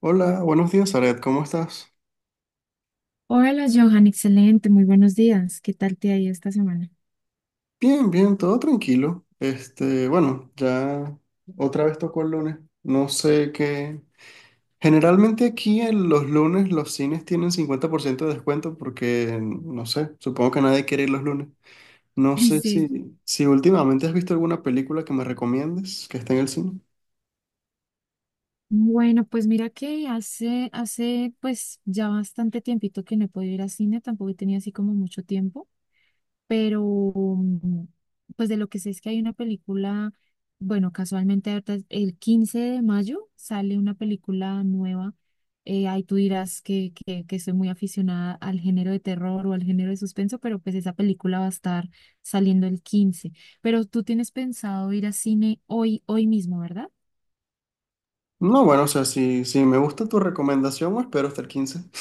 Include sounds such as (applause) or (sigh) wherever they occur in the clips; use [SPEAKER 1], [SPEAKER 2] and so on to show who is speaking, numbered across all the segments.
[SPEAKER 1] Hola, buenos días, Aret, ¿cómo estás?
[SPEAKER 2] Hola Johan, excelente, muy buenos días. ¿Qué tal te ha ido esta semana?
[SPEAKER 1] Bien, bien, todo tranquilo. Este, bueno, ya otra vez tocó el lunes. No sé qué. Generalmente aquí en los lunes los cines tienen 50% de descuento porque, no sé, supongo que nadie quiere ir los lunes. No
[SPEAKER 2] (laughs)
[SPEAKER 1] sé
[SPEAKER 2] Sí,
[SPEAKER 1] si últimamente has visto alguna película que me recomiendes que esté en el cine.
[SPEAKER 2] bueno, pues mira que hace pues ya bastante tiempito que no he podido ir al cine, tampoco he tenido así como mucho tiempo, pero mm, pues de lo que sé es que hay una película. Bueno, casualmente ahorita el 15 de mayo sale una película nueva. Ahí tú dirás que soy muy aficionada al género de terror o al género de suspenso, pero pues esa película va a estar saliendo el 15. Pero tú tienes pensado ir a cine hoy, hoy mismo, ¿verdad?
[SPEAKER 1] No, bueno, o sea, si me gusta tu recomendación, pues, espero hasta el 15. (laughs)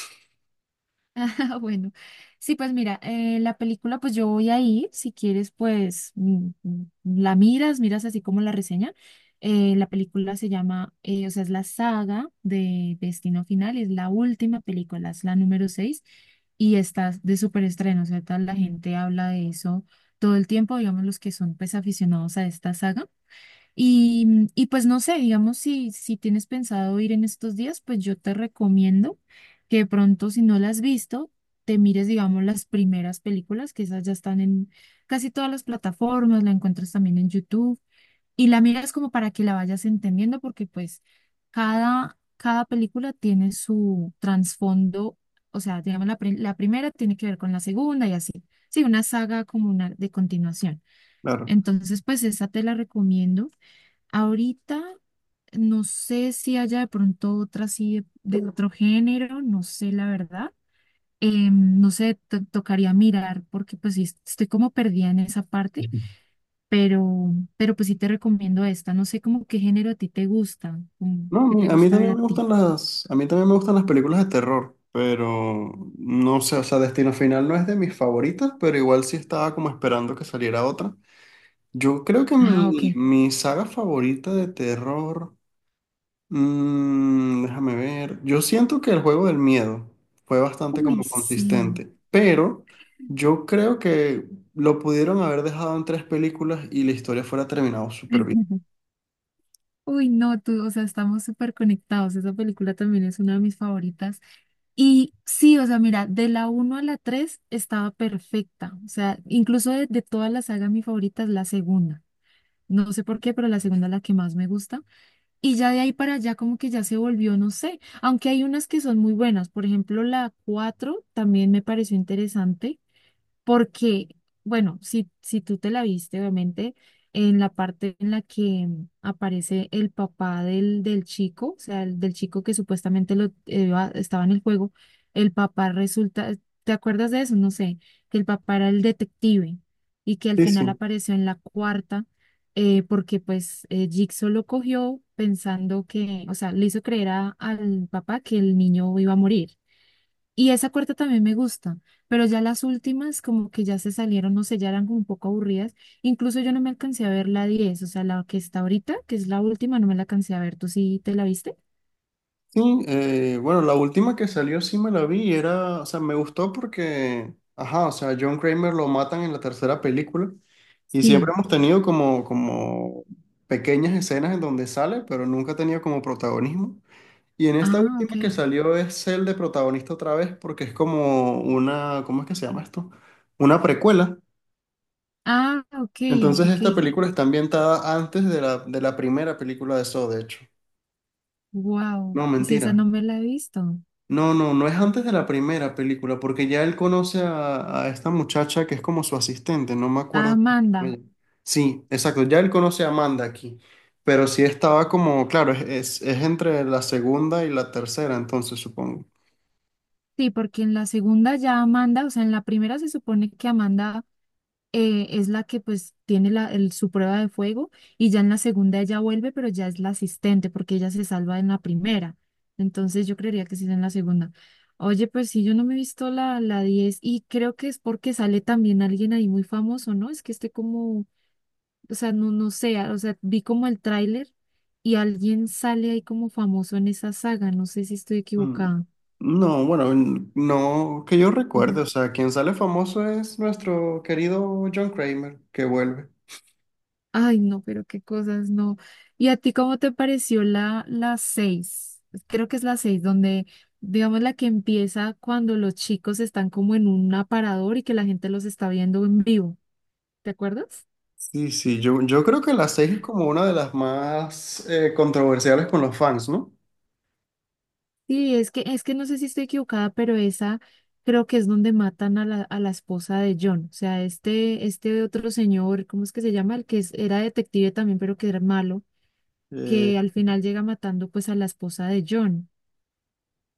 [SPEAKER 2] (laughs) Bueno, sí, pues mira, la película, pues yo voy a ir. Si quieres, pues la miras, miras así como la reseña. La película se llama, o sea, es la saga de Destino Final, es la última película, es la número 6 y está de súper estreno. O sea, tal, la gente habla de eso todo el tiempo, digamos, los que son pues aficionados a esta saga. Y, y pues no sé, digamos, si, si tienes pensado ir en estos días, pues yo te recomiendo que de pronto, si no las has visto, te mires, digamos, las primeras películas, que esas ya están en casi todas las plataformas, la encuentras también en YouTube, y la miras como para que la vayas entendiendo, porque pues cada película tiene su trasfondo. O sea, digamos, la primera tiene que ver con la segunda y así. Sí, una saga como una de continuación.
[SPEAKER 1] Claro.
[SPEAKER 2] Entonces, pues esa te la recomiendo. Ahorita no sé si haya de pronto otra así de otro género, no sé la verdad. No sé, tocaría mirar porque pues sí, estoy como perdida en esa parte, pero pues sí te recomiendo esta. No sé como qué género a ti te gusta, como
[SPEAKER 1] No, a
[SPEAKER 2] qué
[SPEAKER 1] mí,
[SPEAKER 2] te
[SPEAKER 1] a mí
[SPEAKER 2] gusta ver
[SPEAKER 1] también
[SPEAKER 2] a
[SPEAKER 1] me
[SPEAKER 2] ti.
[SPEAKER 1] gustan las películas de terror, pero no sé, o sea, Destino Final no es de mis favoritas, pero igual sí estaba como esperando que saliera otra. Yo creo que
[SPEAKER 2] Ah, ok.
[SPEAKER 1] mi saga favorita de terror, déjame ver, yo siento que el juego del miedo fue bastante
[SPEAKER 2] Uy,
[SPEAKER 1] como
[SPEAKER 2] sí.
[SPEAKER 1] consistente, pero yo creo que lo pudieron haber dejado en tres películas y la historia fuera terminado súper bien.
[SPEAKER 2] (laughs) Uy, no, tú, o sea, estamos súper conectados. Esa película también es una de mis favoritas. Y sí, o sea, mira, de la uno a la 3 estaba perfecta. O sea, incluso de toda la saga, mi favorita es la segunda. No sé por qué, pero la segunda es la que más me gusta. Y ya de ahí para allá como que ya se volvió, no sé, aunque hay unas que son muy buenas. Por ejemplo, la 4 también me pareció interesante porque, bueno, si tú te la viste, obviamente, en la parte en la que aparece el papá del chico, o sea, del chico que supuestamente lo, estaba en el juego, el papá resulta, ¿te acuerdas de eso? No sé, que el papá era el detective y que al
[SPEAKER 1] Sí,
[SPEAKER 2] final
[SPEAKER 1] sí.
[SPEAKER 2] apareció en la cuarta, porque pues Jigsaw lo cogió pensando que, o sea, le hizo creer al papá que el niño iba a morir, y esa cuarta también me gusta, pero ya las últimas como que ya se salieron, no sé, ya eran como un poco aburridas. Incluso yo no me alcancé a ver la 10, o sea, la que está ahorita, que es la última, no me la alcancé a ver. ¿Tú sí te la viste?
[SPEAKER 1] Sí, bueno, la última que salió sí me la vi, y era, o sea, me gustó porque, ajá, o sea, John Kramer lo matan en la tercera película y siempre
[SPEAKER 2] Sí.
[SPEAKER 1] hemos tenido como pequeñas escenas en donde sale, pero nunca ha tenido como protagonismo. Y en esta
[SPEAKER 2] Ah, ok.
[SPEAKER 1] última que salió es el de protagonista otra vez porque es como una, ¿cómo es que se llama esto? Una precuela.
[SPEAKER 2] Ah, ok,
[SPEAKER 1] Entonces
[SPEAKER 2] ok.
[SPEAKER 1] esta película está ambientada antes de la primera película de Saw, de hecho.
[SPEAKER 2] Wow.
[SPEAKER 1] No,
[SPEAKER 2] Sí, esa no
[SPEAKER 1] mentira.
[SPEAKER 2] me la he visto.
[SPEAKER 1] No, no, no es antes de la primera película, porque ya él conoce a esta muchacha que es como su asistente, no me
[SPEAKER 2] Ah,
[SPEAKER 1] acuerdo cómo se llama
[SPEAKER 2] Amanda.
[SPEAKER 1] ella. Sí, exacto, ya él conoce a Amanda aquí, pero sí estaba como, claro, es entre la segunda y la tercera, entonces supongo.
[SPEAKER 2] Sí, porque en la segunda ya Amanda, o sea, en la primera se supone que Amanda es la que pues tiene la, su prueba de fuego, y ya en la segunda ella vuelve, pero ya es la asistente porque ella se salva en la primera. Entonces yo creería que sí es en la segunda. Oye, pues sí, yo no me he visto la 10, y creo que es porque sale también alguien ahí muy famoso, ¿no? Es que esté como, o sea, no, no sé, o sea, vi como el tráiler y alguien sale ahí como famoso en esa saga, no sé si estoy
[SPEAKER 1] Mm.
[SPEAKER 2] equivocada.
[SPEAKER 1] No, bueno, no que yo recuerde, o sea, quien sale famoso es nuestro querido John Kramer, que vuelve.
[SPEAKER 2] Ay, no, pero qué cosas, no. ¿Y a ti cómo te pareció la seis? Creo que es la seis, donde, digamos, la que empieza cuando los chicos están como en un aparador y que la gente los está viendo en vivo. ¿Te acuerdas?
[SPEAKER 1] Sí, sí, yo creo que la seis es como una de las más controversiales con los fans, ¿no?
[SPEAKER 2] Sí, es que no sé si estoy equivocada, pero esa creo que es donde matan a la esposa de John. O sea, este otro señor, ¿cómo es que se llama? El que era detective también, pero que era malo,
[SPEAKER 1] Eh,
[SPEAKER 2] que al final llega matando pues a la esposa de John.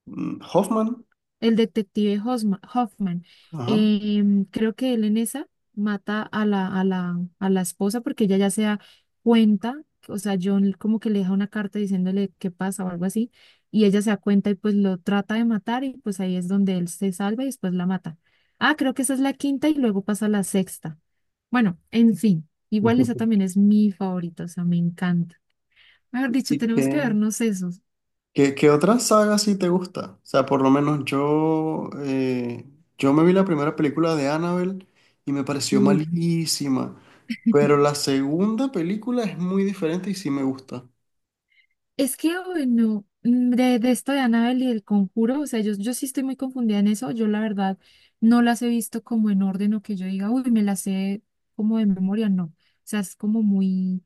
[SPEAKER 1] Hoffman,
[SPEAKER 2] El detective Hoffman.
[SPEAKER 1] ajá.
[SPEAKER 2] Creo que él en esa mata a la esposa porque ella ya se da cuenta. O sea, John como que le deja una carta diciéndole qué pasa o algo así, y ella se da cuenta y pues lo trata de matar y pues ahí es donde él se salva y después la mata. Ah, creo que esa es la quinta y luego pasa la sexta. Bueno, en fin, igual esa también
[SPEAKER 1] (laughs)
[SPEAKER 2] es mi favorita, o sea, me encanta. Mejor dicho,
[SPEAKER 1] ¿Y
[SPEAKER 2] tenemos que
[SPEAKER 1] qué,
[SPEAKER 2] vernos esos.
[SPEAKER 1] qué otra saga sí te gusta? O sea, por lo menos yo me vi la primera película de Annabelle y me pareció malísima, pero la segunda película es muy diferente y sí me gusta.
[SPEAKER 2] Es que, bueno, de esto de Annabelle y el conjuro, o sea, yo sí estoy muy confundida en eso. Yo, la verdad, no las he visto como en orden o que yo diga, uy, me las sé como de memoria, no. O sea, es como muy.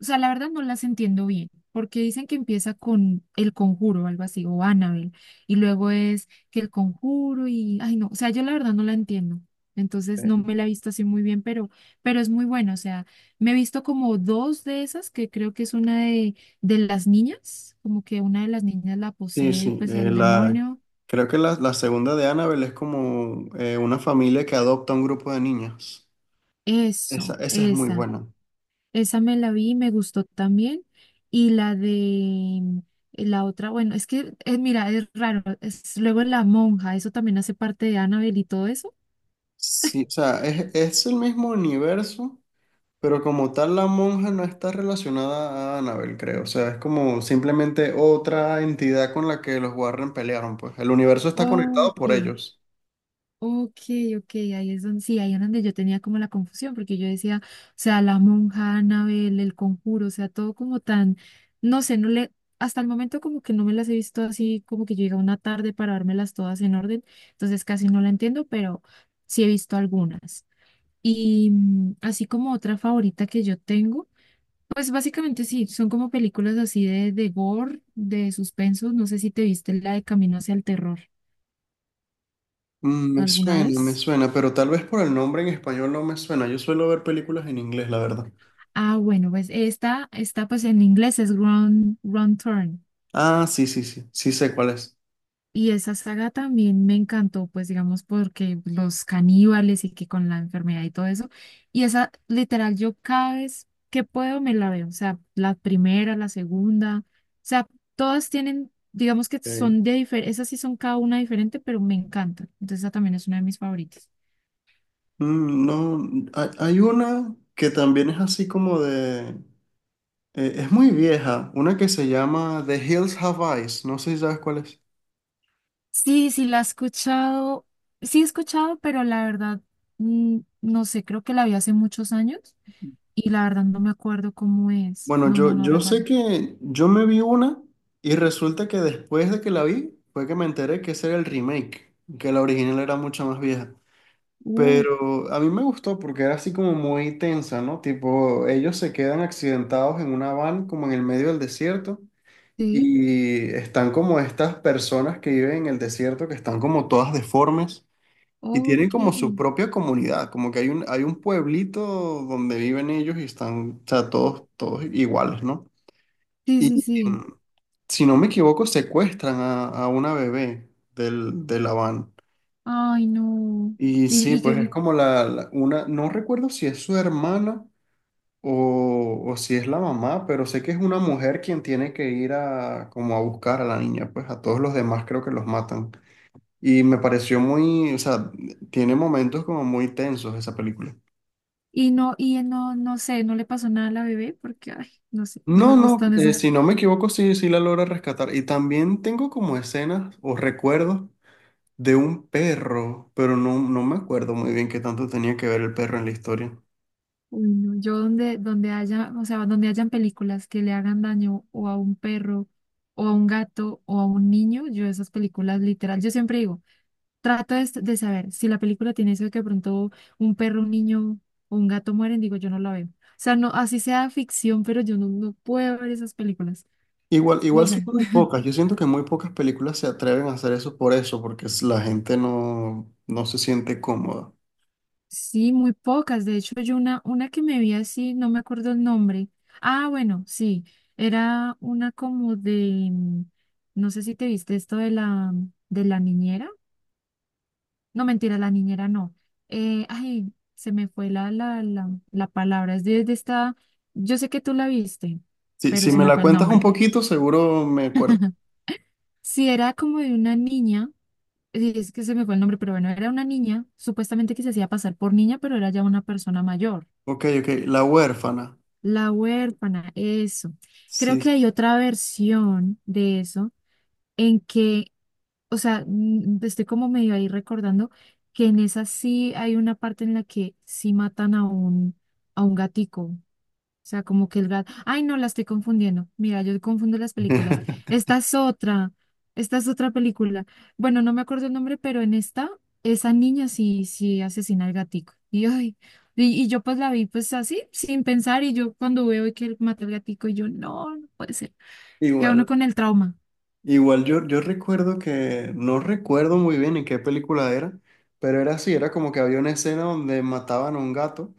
[SPEAKER 2] O sea, la verdad no las entiendo bien, porque dicen que empieza con el conjuro o algo así, o Annabelle, y luego es que el conjuro y, ay no, o sea, yo la verdad no la entiendo. Entonces no
[SPEAKER 1] Ok.
[SPEAKER 2] me la he visto así muy bien, pero es muy buena. O sea, me he visto como dos de esas, que creo que es una de las niñas, como que una de las niñas la
[SPEAKER 1] Sí,
[SPEAKER 2] posee,
[SPEAKER 1] sí,
[SPEAKER 2] pues el demonio.
[SPEAKER 1] creo que la segunda de Annabelle es como una familia que adopta un grupo de niñas. Esa,
[SPEAKER 2] Eso,
[SPEAKER 1] esa es muy
[SPEAKER 2] esa.
[SPEAKER 1] buena.
[SPEAKER 2] Esa me la vi y me gustó también. Y la de la otra, bueno, es que, mira, es raro. Es, luego La Monja, eso también hace parte de Annabelle y todo eso.
[SPEAKER 1] Sí, o sea, es el mismo universo, pero como tal, la monja no está relacionada a Annabelle, creo. O sea, es como simplemente otra entidad con la que los Warren pelearon, pues. El universo está conectado
[SPEAKER 2] Ok,
[SPEAKER 1] por ellos.
[SPEAKER 2] ok, ok, ahí es donde, sí, ahí es donde yo tenía como la confusión, porque yo decía, o sea, La Monja, Annabelle, El Conjuro, o sea, todo como tan, no sé, no le, hasta el momento como que no me las he visto así, como que yo llega una tarde para dármelas todas en orden, entonces casi no la entiendo, pero sí he visto algunas. Y así como otra favorita que yo tengo, pues básicamente sí, son como películas así de gore, de suspenso. No sé si te viste la de Camino hacia el terror alguna
[SPEAKER 1] Me
[SPEAKER 2] vez.
[SPEAKER 1] suena, pero tal vez por el nombre en español no me suena. Yo suelo ver películas en inglés, la verdad.
[SPEAKER 2] Ah, bueno, pues esta pues en inglés es Wrong Turn.
[SPEAKER 1] Ah, sí, sí, sí. Sí sé cuál es.
[SPEAKER 2] Y esa saga también me encantó, pues digamos, porque los caníbales y que con la enfermedad y todo eso. Y esa, literal, yo cada vez que puedo me la veo. O sea, la primera, la segunda. O sea, todas tienen, digamos que
[SPEAKER 1] Ok.
[SPEAKER 2] son de diferente, esas sí son cada una diferente, pero me encanta. Entonces, esa también es una de mis favoritas.
[SPEAKER 1] No, hay una que también es así como de, es muy vieja. Una que se llama The Hills Have Eyes. No sé si sabes cuál es.
[SPEAKER 2] Sí, sí, la he escuchado. Sí, he escuchado, pero la verdad, no sé, creo que la vi hace muchos años y la verdad no me acuerdo cómo es.
[SPEAKER 1] Bueno,
[SPEAKER 2] No, no,
[SPEAKER 1] yo,
[SPEAKER 2] no
[SPEAKER 1] yo sé
[SPEAKER 2] recuerdo.
[SPEAKER 1] que yo me vi una y resulta que después de que la vi fue que me enteré que ese era el remake, que la original era mucho más vieja. Pero a mí me gustó porque era así como muy tensa, ¿no? Tipo, ellos se quedan accidentados en una van como en el medio del desierto
[SPEAKER 2] Sí,
[SPEAKER 1] y están como estas personas que viven en el desierto que están como todas deformes y tienen
[SPEAKER 2] ok.
[SPEAKER 1] como su
[SPEAKER 2] Sí,
[SPEAKER 1] propia comunidad, como que hay un pueblito donde viven ellos y están, o sea, todos, todos iguales, ¿no? Y
[SPEAKER 2] sí, sí.
[SPEAKER 1] mm, si no me equivoco, secuestran a una bebé de la van.
[SPEAKER 2] Ay, no.
[SPEAKER 1] Y
[SPEAKER 2] Y,
[SPEAKER 1] sí,
[SPEAKER 2] y
[SPEAKER 1] pues es
[SPEAKER 2] que
[SPEAKER 1] como una, no recuerdo si es su hermana o si es la mamá, pero sé que es una mujer quien tiene que ir a como a buscar a la niña, pues a todos los demás creo que los matan. Y me pareció muy, o sea, tiene momentos como muy tensos esa película.
[SPEAKER 2] y no, no sé, no le pasó nada a la bebé porque, ay, no sé, no me
[SPEAKER 1] No, no,
[SPEAKER 2] gustan esas.
[SPEAKER 1] si no me equivoco, sí, sí la logra rescatar. Y también tengo como escenas o recuerdos de un perro, pero no, no me acuerdo muy bien qué tanto tenía que ver el perro en la historia.
[SPEAKER 2] Uy, no. Yo donde haya, o sea, donde hayan películas que le hagan daño o a un perro, o a un gato, o a un niño, yo esas películas literal, yo siempre digo, trato de saber si la película tiene eso de que de pronto un perro, un niño o un gato mueren, digo, yo no la veo. O sea, no, así sea ficción, pero yo no, no puedo ver esas películas.
[SPEAKER 1] Igual,
[SPEAKER 2] No
[SPEAKER 1] igual son
[SPEAKER 2] sé.
[SPEAKER 1] muy
[SPEAKER 2] (laughs)
[SPEAKER 1] pocas. Yo siento que muy pocas películas se atreven a hacer eso por eso, porque la gente no, no se siente cómoda.
[SPEAKER 2] Sí, muy pocas. De hecho, yo una que me vi así, no me acuerdo el nombre. Ah, bueno, sí. Era una como de, no sé si te viste esto de la niñera. No, mentira, la niñera no. Ay, se me fue la palabra. Es de esta, yo sé que tú la viste,
[SPEAKER 1] Si,
[SPEAKER 2] pero
[SPEAKER 1] si
[SPEAKER 2] se
[SPEAKER 1] me
[SPEAKER 2] me
[SPEAKER 1] la
[SPEAKER 2] fue el
[SPEAKER 1] cuentas un
[SPEAKER 2] nombre.
[SPEAKER 1] poquito, seguro me acuerdo.
[SPEAKER 2] (laughs) Sí, era como de una niña, sí es que se me fue el nombre, pero bueno, era una niña, supuestamente que se hacía pasar por niña, pero era ya una persona mayor.
[SPEAKER 1] Ok, ok. La huérfana.
[SPEAKER 2] La huérfana, eso. Creo
[SPEAKER 1] Sí.
[SPEAKER 2] que hay otra versión de eso en que, o sea, estoy como medio ahí recordando que en esa sí hay una parte en la que sí matan a un gatico, o sea, como que el gato. Ay, no, la estoy confundiendo. Mira, yo confundo las películas.
[SPEAKER 1] (laughs)
[SPEAKER 2] Esta es otra. Esta es otra película. Bueno, no me acuerdo el nombre, pero en esta, esa niña sí, sí asesina al gatico. Y, ay, y yo pues la vi pues así, sin pensar. Y yo cuando veo que él mata al gatico, y yo, no, no puede ser. Queda uno
[SPEAKER 1] Igual.
[SPEAKER 2] con el trauma.
[SPEAKER 1] Igual yo recuerdo que, no recuerdo muy bien en qué película era, pero era así, era como que había una escena donde mataban a un gato.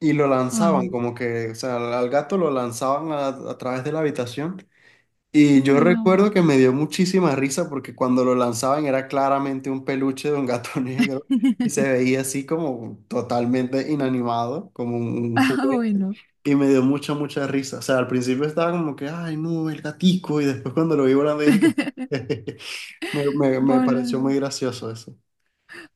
[SPEAKER 1] Y lo
[SPEAKER 2] Ay,
[SPEAKER 1] lanzaban,
[SPEAKER 2] no.
[SPEAKER 1] como que, o sea, al gato lo lanzaban a través de la habitación. Y yo
[SPEAKER 2] Uy, no.
[SPEAKER 1] recuerdo que me dio muchísima risa porque cuando lo lanzaban era claramente un peluche de un gato (laughs) negro y se
[SPEAKER 2] (laughs)
[SPEAKER 1] veía así como totalmente inanimado, como un
[SPEAKER 2] Ah,
[SPEAKER 1] juguete.
[SPEAKER 2] bueno.
[SPEAKER 1] Y me dio mucha, mucha risa. O sea, al principio estaba como que, ay, no, el gatico. Y después cuando lo vi volando dije que
[SPEAKER 2] (laughs)
[SPEAKER 1] (laughs) me
[SPEAKER 2] Bola.
[SPEAKER 1] pareció muy gracioso eso.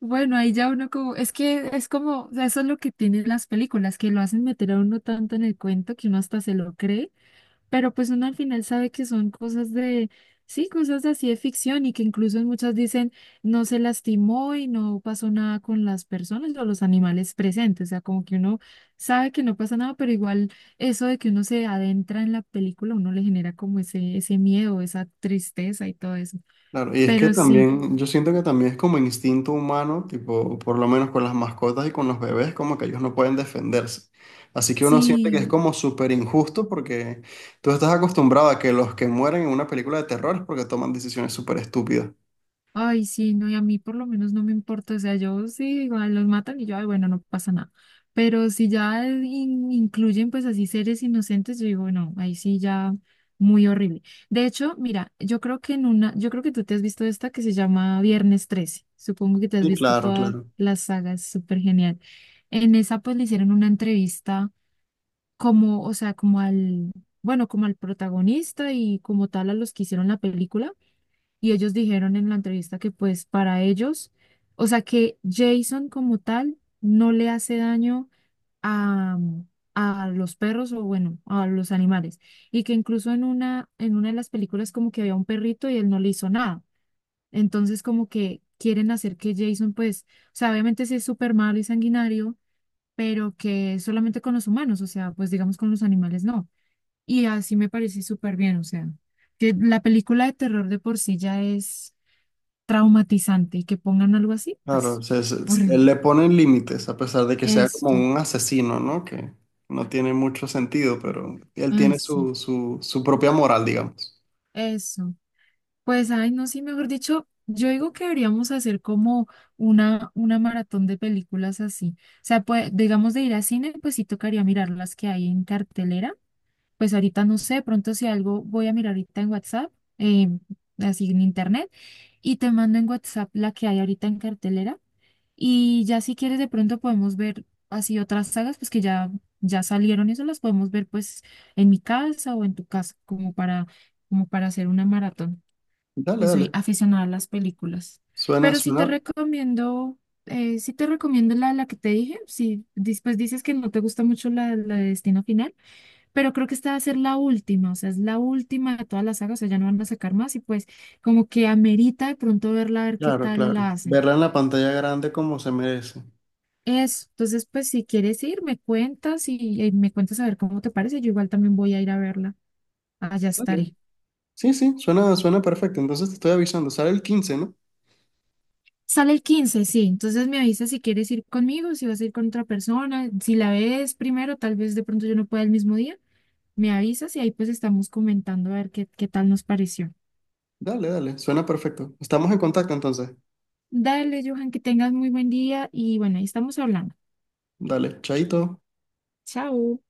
[SPEAKER 2] Bueno, ahí ya uno como, es que es como, o sea, eso es lo que tienen las películas, que lo hacen meter a uno tanto en el cuento que uno hasta se lo cree, pero pues uno al final sabe que son cosas de, sí, cosas así de ficción y que incluso muchas dicen no se lastimó y no pasó nada con las personas o los animales presentes, o sea, como que uno sabe que no pasa nada, pero igual eso de que uno se adentra en la película, uno le genera como ese miedo, esa tristeza y todo eso.
[SPEAKER 1] Claro, y es que
[SPEAKER 2] Pero sí,
[SPEAKER 1] también, yo siento que también es como instinto humano, tipo, por lo menos con las mascotas y con los bebés, como que ellos no pueden defenderse. Así que uno siente que es
[SPEAKER 2] sí.
[SPEAKER 1] como súper injusto porque tú estás acostumbrado a que los que mueren en una película de terror es porque toman decisiones súper estúpidas.
[SPEAKER 2] Ay, sí, no, y a mí por lo menos no me importa, o sea, yo sí, igual los matan y yo, ay, bueno, no pasa nada. Pero si ya incluyen pues así seres inocentes, yo digo, no, ahí sí ya muy horrible. De hecho, mira, yo creo que en una, yo creo que tú te has visto esta que se llama Viernes 13. Supongo que te has
[SPEAKER 1] Sí,
[SPEAKER 2] visto
[SPEAKER 1] claro,
[SPEAKER 2] todas
[SPEAKER 1] claro.
[SPEAKER 2] las sagas, súper genial. En esa pues le hicieron una entrevista como, o sea, como al, bueno, como al protagonista y como tal a los que hicieron la película y ellos dijeron en la entrevista que pues para ellos, o sea que Jason como tal no le hace daño a, a los perros o bueno, a los animales y que incluso en una de las películas como que había un perrito y él no le hizo nada. Entonces como que quieren hacer que Jason pues, o sea, obviamente sí es súper malo y sanguinario, pero que solamente con los humanos, o sea, pues digamos con los animales no. Y así me parece súper bien, o sea, que la película de terror de por sí ya es traumatizante y que pongan algo así,
[SPEAKER 1] Claro,
[SPEAKER 2] pues horrible.
[SPEAKER 1] le ponen límites, a pesar de que sea como
[SPEAKER 2] Eso,
[SPEAKER 1] un asesino, ¿no? Que no tiene mucho sentido, pero él
[SPEAKER 2] ay,
[SPEAKER 1] tiene
[SPEAKER 2] sí,
[SPEAKER 1] su propia moral, digamos.
[SPEAKER 2] eso. Pues, ay, no, sí, mejor dicho, yo digo que deberíamos hacer como una maratón de películas así. O sea, pues, digamos de ir a cine, pues sí tocaría mirar las que hay en cartelera. Pues ahorita no sé, pronto si algo voy a mirar ahorita en WhatsApp, eh, así en internet, y te mando en WhatsApp la que hay ahorita en cartelera. Y ya si quieres de pronto podemos ver así otras sagas, pues que ya, ya salieron y eso las podemos ver pues en mi casa o en tu casa, como para, como para hacer una maratón,
[SPEAKER 1] Dale,
[SPEAKER 2] que soy
[SPEAKER 1] dale.
[SPEAKER 2] aficionada a las películas.
[SPEAKER 1] Suena,
[SPEAKER 2] Pero
[SPEAKER 1] suena.
[SPEAKER 2] sí te recomiendo la, la que te dije, si después dices que no te gusta mucho la, la de Destino Final, pero creo que esta va a ser la última, o sea, es la última de todas las sagas, o sea, ya no van a sacar más y pues como que amerita de pronto verla, a ver qué
[SPEAKER 1] Claro,
[SPEAKER 2] tal
[SPEAKER 1] claro.
[SPEAKER 2] la hacen.
[SPEAKER 1] Verla en la pantalla grande como se merece.
[SPEAKER 2] Eso, entonces pues si quieres ir, me cuentas y me cuentas a ver cómo te parece. Yo igual también voy a ir a verla. Allá
[SPEAKER 1] Dale.
[SPEAKER 2] estaré.
[SPEAKER 1] Sí, sí, suena, suena perfecto. Entonces te estoy avisando. Sale el 15, ¿no?
[SPEAKER 2] Sale el 15, sí. Entonces me avisas si quieres ir conmigo, si vas a ir con otra persona. Si la ves primero, tal vez de pronto yo no pueda el mismo día. Me avisas y ahí pues estamos comentando a ver qué, qué tal nos pareció.
[SPEAKER 1] Dale, dale. Suena perfecto. Estamos en contacto entonces.
[SPEAKER 2] Dale, Johan, que tengas muy buen día y bueno, ahí estamos hablando.
[SPEAKER 1] Dale, chaito.
[SPEAKER 2] Chao.